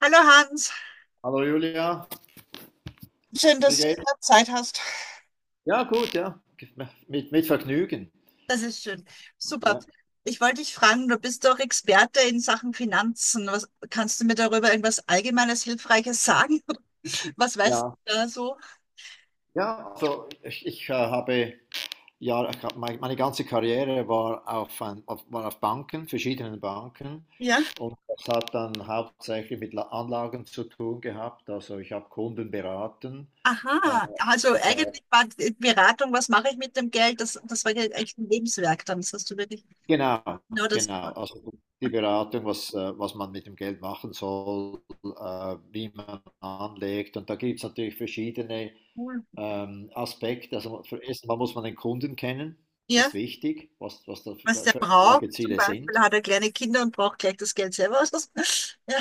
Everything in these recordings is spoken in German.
Hallo Hans, Hallo Julia, schön, wie dass du geht's? wieder Zeit hast. Ja, gut, ja. Mit Vergnügen. Das ist schön. Super. Ja, Ich wollte dich fragen, du bist doch Experte in Sachen Finanzen. Kannst du mir darüber irgendwas Allgemeines, Hilfreiches sagen? Was weißt ja. du da so? Ja, also ich habe, ja, meine ganze Karriere war auf Banken, verschiedenen Banken. Ja. Und das hat dann hauptsächlich mit Anlagen zu tun gehabt. Also ich habe Kunden beraten. Aha, also äh, eigentlich war die Beratung, was mache ich mit dem Geld? Das war ja eigentlich ein Lebenswerk dann. Das hast du wirklich Genau, genau das genau. gemacht. Also die Beratung, was man mit dem Geld machen soll, wie man anlegt. Und da gibt es natürlich verschiedene Cool. Aspekte. Also erstmal muss man den Kunden kennen. Das ist Ja, wichtig, was da was für der für braucht. Zum Anlageziele Beispiel sind. hat er kleine Kinder und braucht gleich das Geld selber. Ja,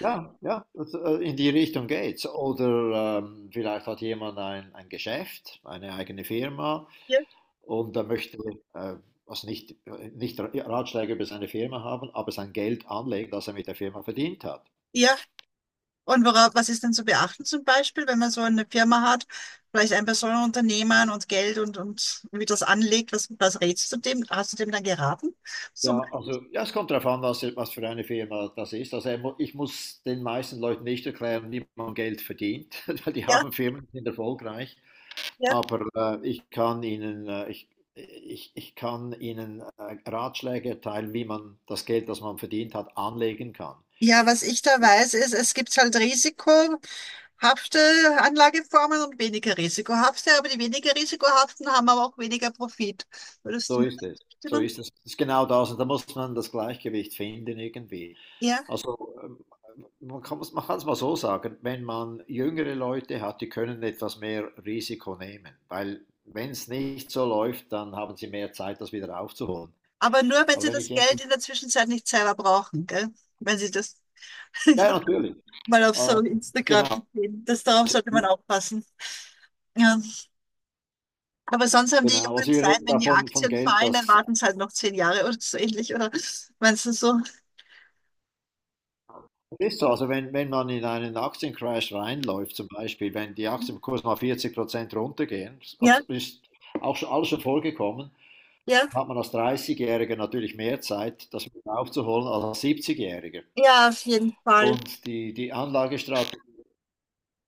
Ja, ja, in die Richtung geht's. Oder vielleicht hat jemand ein Geschäft, eine eigene Firma. ja, Und er möchte äh, also nicht Ratschläge über seine Firma haben, aber sein Geld anlegen, das er mit der Firma verdient hat. ja. Und was ist denn zu beachten zum Beispiel, wenn man so eine Firma hat, vielleicht ein Personenunternehmen und Geld und wie das anlegt, was rätst du dem? Hast du dem dann geraten? So, Ja, also ja, es kommt darauf an, was für eine Firma das ist. Also ich muss den meisten Leuten nicht erklären, wie man Geld verdient, weil die ja, haben Firmen, die sind erfolgreich. ja. Aber ich kann ihnen Ratschläge erteilen, wie man das Geld, das man verdient hat, anlegen kann. Ja, was ich da weiß, ist, es gibt halt risikohafte Anlageformen und weniger risikohafte, aber die weniger risikohaften haben aber auch weniger Profit. Würdest du So mir da ist es. So zustimmen? ist es. Das ist genau das. Und da muss man das Gleichgewicht finden irgendwie. Ja, Also man kann es mal so sagen, wenn man jüngere Leute hat, die können etwas mehr Risiko nehmen, weil wenn es nicht so läuft, dann haben sie mehr Zeit, das wieder aufzuholen. aber nur, wenn Aber sie wenn ich das Geld jemanden, in der Zwischenzeit nicht selber brauchen, gell? Wenn sie das, ja, natürlich, mal auf äh, so Instagram genau, gesehen. Darauf sollte man aufpassen. Ja. Aber sonst haben die genau, Jungen also wir Zeit, reden wenn die davon von Aktien Geld, fallen, dann das. warten sie halt noch 10 Jahre oder so ähnlich, oder meinst du so? Ist so, also wenn man in einen Aktiencrash reinläuft, zum Beispiel, wenn die Aktienkurs mal 40% runtergehen, Ja, also ist auch schon, alles schon vorgekommen, ja, hat man als 30-Jähriger natürlich mehr Zeit, das wieder aufzuholen als 70-Jähriger. ja, auf jeden Fall. Und die, die Anlagestrategie,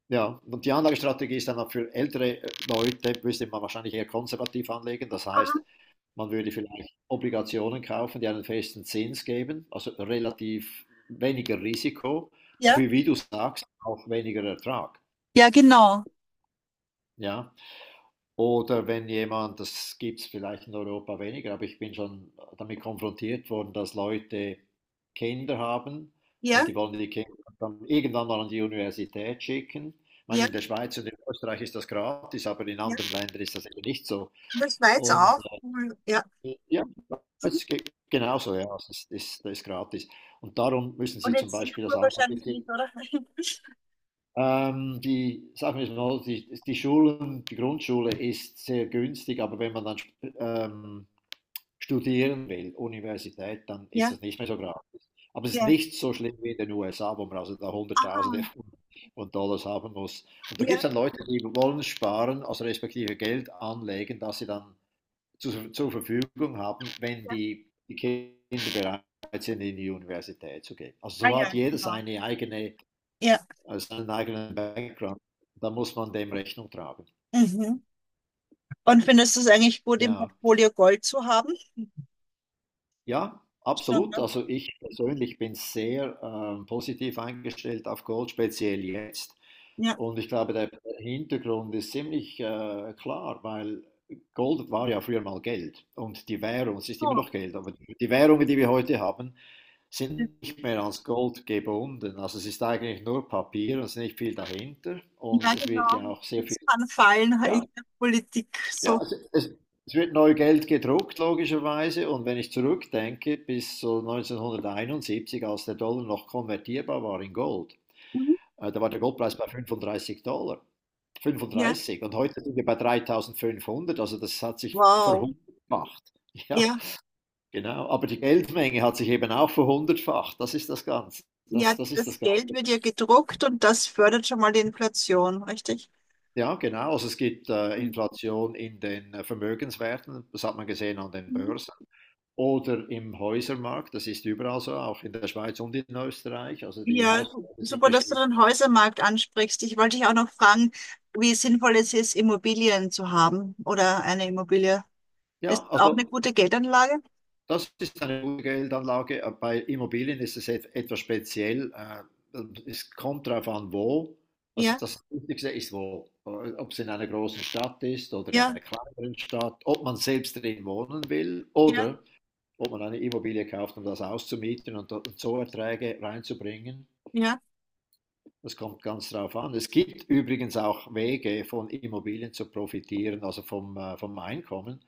ja, und die Anlagestrategie ist dann auch für ältere Leute, müsste man wahrscheinlich eher konservativ anlegen, das Aha. heißt, man würde vielleicht Obligationen kaufen, die einen festen Zins geben, also relativ weniger Risiko, aber Ja, wie du sagst, auch weniger Ertrag. ja, genau. Ja, oder wenn jemand, das gibt es vielleicht in Europa weniger, aber ich bin schon damit konfrontiert worden, dass Leute Kinder haben und Ja, die wollen die Kinder dann irgendwann mal an die Universität schicken. Ich meine, ja, in der Schweiz und in Österreich ist das gratis, aber in ja. anderen Ländern ist das eben nicht so. In der Schweiz Und auch. äh, Cool. Ja. Ja, Mhm. es geht genauso, ja, es ist, das ist gratis. Und darum müssen Und Sie in zum Beispiel das Singapur wahrscheinlich nicht, Anlagebedingungen. oder? Sagen wir es mal, so, die Schulen, die Grundschule ist sehr günstig, aber wenn man dann ähm, studieren will, Universität, dann ist Ja, das nicht mehr so gratis. Aber es ist ja. nicht so schlimm wie in den USA, wo man also da Hunderttausende Aha. von Dollars haben muss. Und da gibt es Ja, dann Leute, die wollen sparen, also respektive Geld anlegen, dass sie dann zu zur Verfügung haben, wenn ja. die Kinder bereit sind, in die Universität zu gehen. Also Ah so hat ja, jeder genau. Ja. Seinen eigenen Background. Da muss man dem Rechnung tragen. Mhm. Und findest du es eigentlich gut, im Ja, Portfolio Gold zu haben? ja Ja. absolut. Ne? Also ich persönlich bin sehr positiv eingestellt auf Gold, speziell jetzt. Ja. Und ich glaube, der Hintergrund ist ziemlich klar, weil Gold war ja früher mal Geld und die Währung, es ist immer So, noch Geld, aber die Währungen, die wir heute haben, das- sind nicht mehr ans Gold gebunden. Also es ist eigentlich nur Papier, es ist nicht viel dahinter und ja, es genau. wird ja auch sehr viel, Das kann fallen halt ja, in der Politik. So. ja, es wird neu Geld gedruckt, logischerweise. Und wenn ich zurückdenke, bis so 1971, als der Dollar noch konvertierbar war in Gold, Mhm. Da war der Goldpreis bei 35 Dollar. Ja, 35. Und heute sind wir bei 3.500, also das hat sich wow. verhundertfacht. Ja, Ja, genau, aber die Geldmenge hat sich eben auch verhundertfacht. Das ist das Ganze. ja, Das ist das das Geld Ganze. wird ja gedruckt und das fördert schon mal die Inflation, richtig? Ja, genau. Also es gibt Mhm. Inflation in den Vermögenswerten, das hat man gesehen an den Börsen oder im Häusermarkt. Das ist überall so, auch in der Schweiz und in Österreich. Also die Ja, Hauspreise sind super, dass du gestiegen. den Häusermarkt ansprichst. Ich wollte dich auch noch fragen, wie sinnvoll es ist, Immobilien zu haben oder eine Immobilie. Ist Ja, das auch eine also gute Geldanlage? das ist eine gute Geldanlage. Bei Immobilien ist es etwas speziell. Es kommt darauf an, wo. Also Ja, das Wichtigste ist wo. Ob es in einer großen Stadt ist oder in ja, einer kleineren Stadt, ob man selbst drin wohnen will ja, oder ob man eine Immobilie kauft, um das auszumieten und so Erträge reinzubringen. ja. Das kommt ganz darauf an. Es gibt übrigens auch Wege, von Immobilien zu profitieren, also vom Einkommen,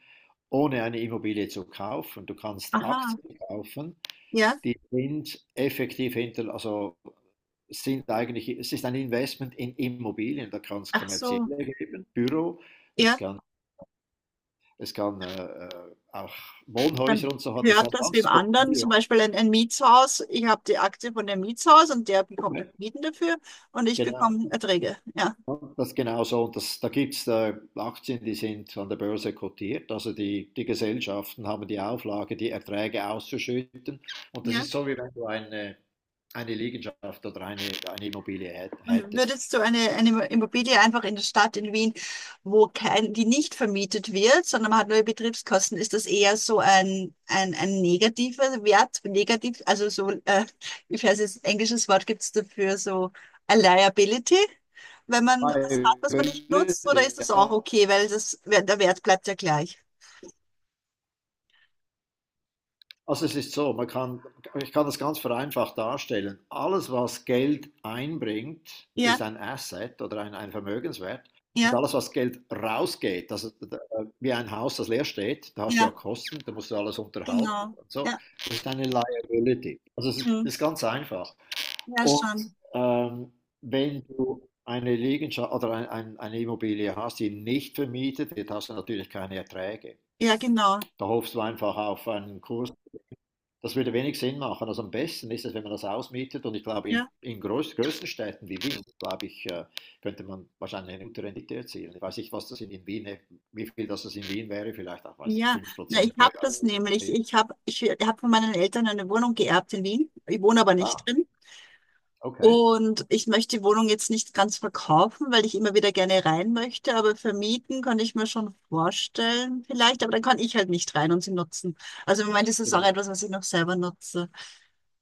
ohne eine Immobilie zu kaufen. Du kannst Aha, Aktien kaufen, ja. die sind effektiv hinter, also sind eigentlich, es ist ein Investment in Immobilien, da kann es Ach so, kommerzielle geben, Büro, es ja. kann, es kann auch Wohnhäuser Man und so hat, das ist hört ein das beim ganzes anderen, zum Portfolio. Beispiel ein Mietshaus. Ich habe die Aktie von dem Mietshaus und der bekommt Okay. halt Mieten dafür und ich Genau, bekomme Erträge. Ja. ja, das genau so. Und da gibt es Aktien, die sind an der Börse kotiert, also die Gesellschaften haben die Auflage, die Erträge auszuschütten. Und das Ja. ist so, wie wenn du eine Liegenschaft oder eine Immobilie hät- Und hättest. würdest du eine Immobilie einfach in der Stadt in Wien, wo kein, die nicht vermietet wird, sondern man hat nur Betriebskosten, ist das eher so ein negativer Wert, also so, ich weiß jetzt, englisches Wort gibt es dafür, so a liability, wenn man was hat, was man nicht nutzt, oder ist das auch Ja. okay, weil der Wert bleibt ja gleich? Also es ist so, ich kann das ganz vereinfacht darstellen. Alles, was Geld einbringt, Ja, ist ein Asset oder ein Vermögenswert. Und ja, alles, was Geld rausgeht, also wie ein Haus, das leer steht, da hast du ja ja, Kosten, da musst du alles unterhalten genau. und so, Ja, das ist eine Liability. Also hm, das ist ganz einfach. ja Und schon. ähm, wenn du eine Liegenschaft oder eine Immobilie hast, die nicht vermietet wird, hast du natürlich keine Erträge. Ja, genau. Da hoffst du einfach auf einen Kurs. Das würde wenig Sinn machen. Also am besten ist es, wenn man das ausmietet. Und ich glaube, in, Ja, in größten Städten wie Wien, glaube ich, könnte man wahrscheinlich eine gute Rendite erzielen. Ich weiß nicht, was das in Wien, wie viel das in Wien wäre, vielleicht auch, weiß ich, ja. fünf Na, ich Prozent pro habe Jahr. das nämlich. Ich habe von meinen Eltern eine Wohnung geerbt in Wien. Ich wohne aber nicht Ah, drin. okay. Und ich möchte die Wohnung jetzt nicht ganz verkaufen, weil ich immer wieder gerne rein möchte. Aber vermieten kann ich mir schon vorstellen, vielleicht. Aber dann kann ich halt nicht rein und sie nutzen. Also im Moment ist es auch etwas, was ich noch selber nutze.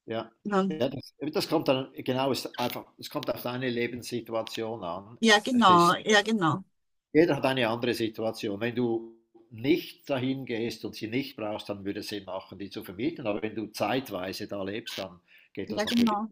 Ja, Ja, ja das kommt dann, genau, es ist einfach, es kommt auf deine Lebenssituation an. ja, Es genau. ist Ja, genau. Jeder hat eine andere Situation. Wenn du nicht dahin gehst und sie nicht brauchst, dann würde es Sinn machen, die zu vermieten. Aber wenn du zeitweise da lebst, dann geht Ja, das natürlich. genau.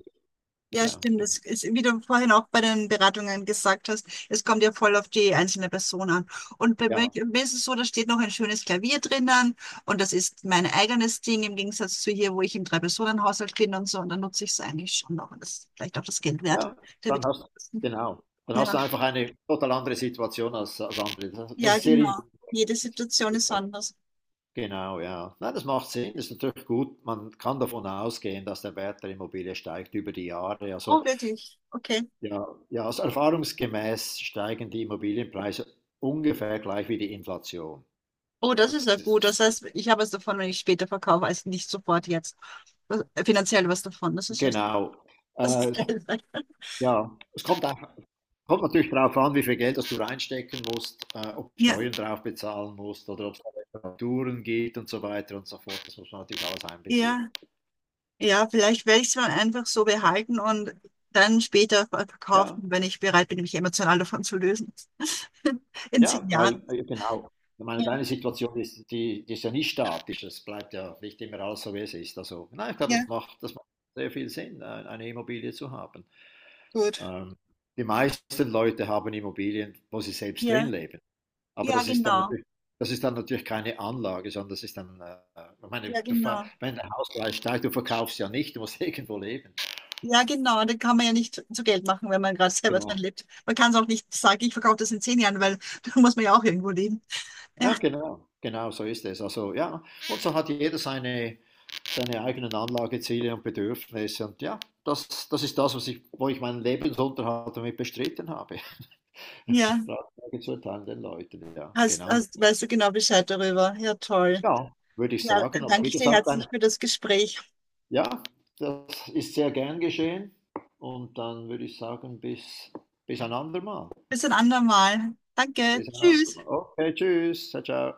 Ja, Ja, stimmt. Das ist, wie du vorhin auch bei den Beratungen gesagt hast, es kommt ja voll auf die einzelne Person an. Und bei mir ja, mir ist es so, da steht noch ein schönes Klavier drinnen und das ist mein eigenes Ding im Gegensatz zu hier, wo ich im Drei-Personen-Haushalt bin und so. Und dann nutze ich es eigentlich schon noch und das ist vielleicht auch das Geld wert. ja. Der Dann hast Betriebskosten. Genau. Dann hast du Ja. einfach eine total andere Situation als andere. Das Ja, ist sehr genau. Jede Situation ist individuell. anders. Genau, ja. Nein, das macht Sinn. Das ist natürlich gut. Man kann davon ausgehen, dass der Wert der Immobilie steigt über die Jahre. Also Oh, wirklich? Okay. ja, ja, also erfahrungsgemäß steigen die Immobilienpreise ungefähr gleich wie die Inflation. Oh, das ist Das ja gut. ist, Das heißt, ich habe was davon, wenn ich später verkaufe, als nicht sofort jetzt. Das- Finanziell was davon. Das ist ja, genau. das Äh, ist geil. ja, kommt natürlich darauf an, wie viel Geld das du reinstecken musst, ob du Ja. Steuern drauf bezahlen musst oder ob es Reparaturen gibt und so weiter und so fort. Das muss man natürlich alles einbeziehen. Ja, ja, vielleicht werde ich es mal einfach so behalten und dann später Ja, verkaufen, wenn ich bereit bin, mich emotional davon zu lösen. In ja, zehn Jahren. Genau. Ich meine, Ja, deine Situation ist, die, die ist ja nicht statisch, es bleibt ja nicht immer alles so, wie es ist. Also, nein, ich glaube, das ja, macht, das macht sehr viel Sinn, eine Immobilie zu haben. gut. Ähm, die meisten Leute haben Immobilien, wo sie selbst Ja, drin leben. Aber ja, das ist dann genau. natürlich, das ist dann natürlich keine Anlage, sondern das ist dann, ich meine, Ja, genau. wenn der Hauspreis steigt, du verkaufst ja nicht, du musst irgendwo leben. Ja, genau. Und dann kann man ja nicht zu Geld machen, wenn man gerade selber drin Genau. lebt. Man kann es auch nicht sagen, ich verkaufe das in 10 Jahren, weil da muss man ja auch irgendwo leben. Ja, Ja, genau, genau, so ist es. Also ja, und so hat jeder seine eigenen Anlageziele und Bedürfnisse. Und ja, das ist das, wo ich meinen Lebensunterhalt damit bestritten habe. ja. Ratschläge zu erteilen den Leuten, ja, Hast, genau. Und hast, weißt du genau Bescheid darüber. Ja, toll. ja, würde ich Ja, sagen. Und danke wie ich dir gesagt, ein. herzlich für das Gespräch. Ja, das ist sehr gern geschehen. Und dann würde ich sagen, bis ein andermal. Bis ein andermal. Danke. Bis ein Tschüss. andermal. Okay, tschüss. Ciao, ciao.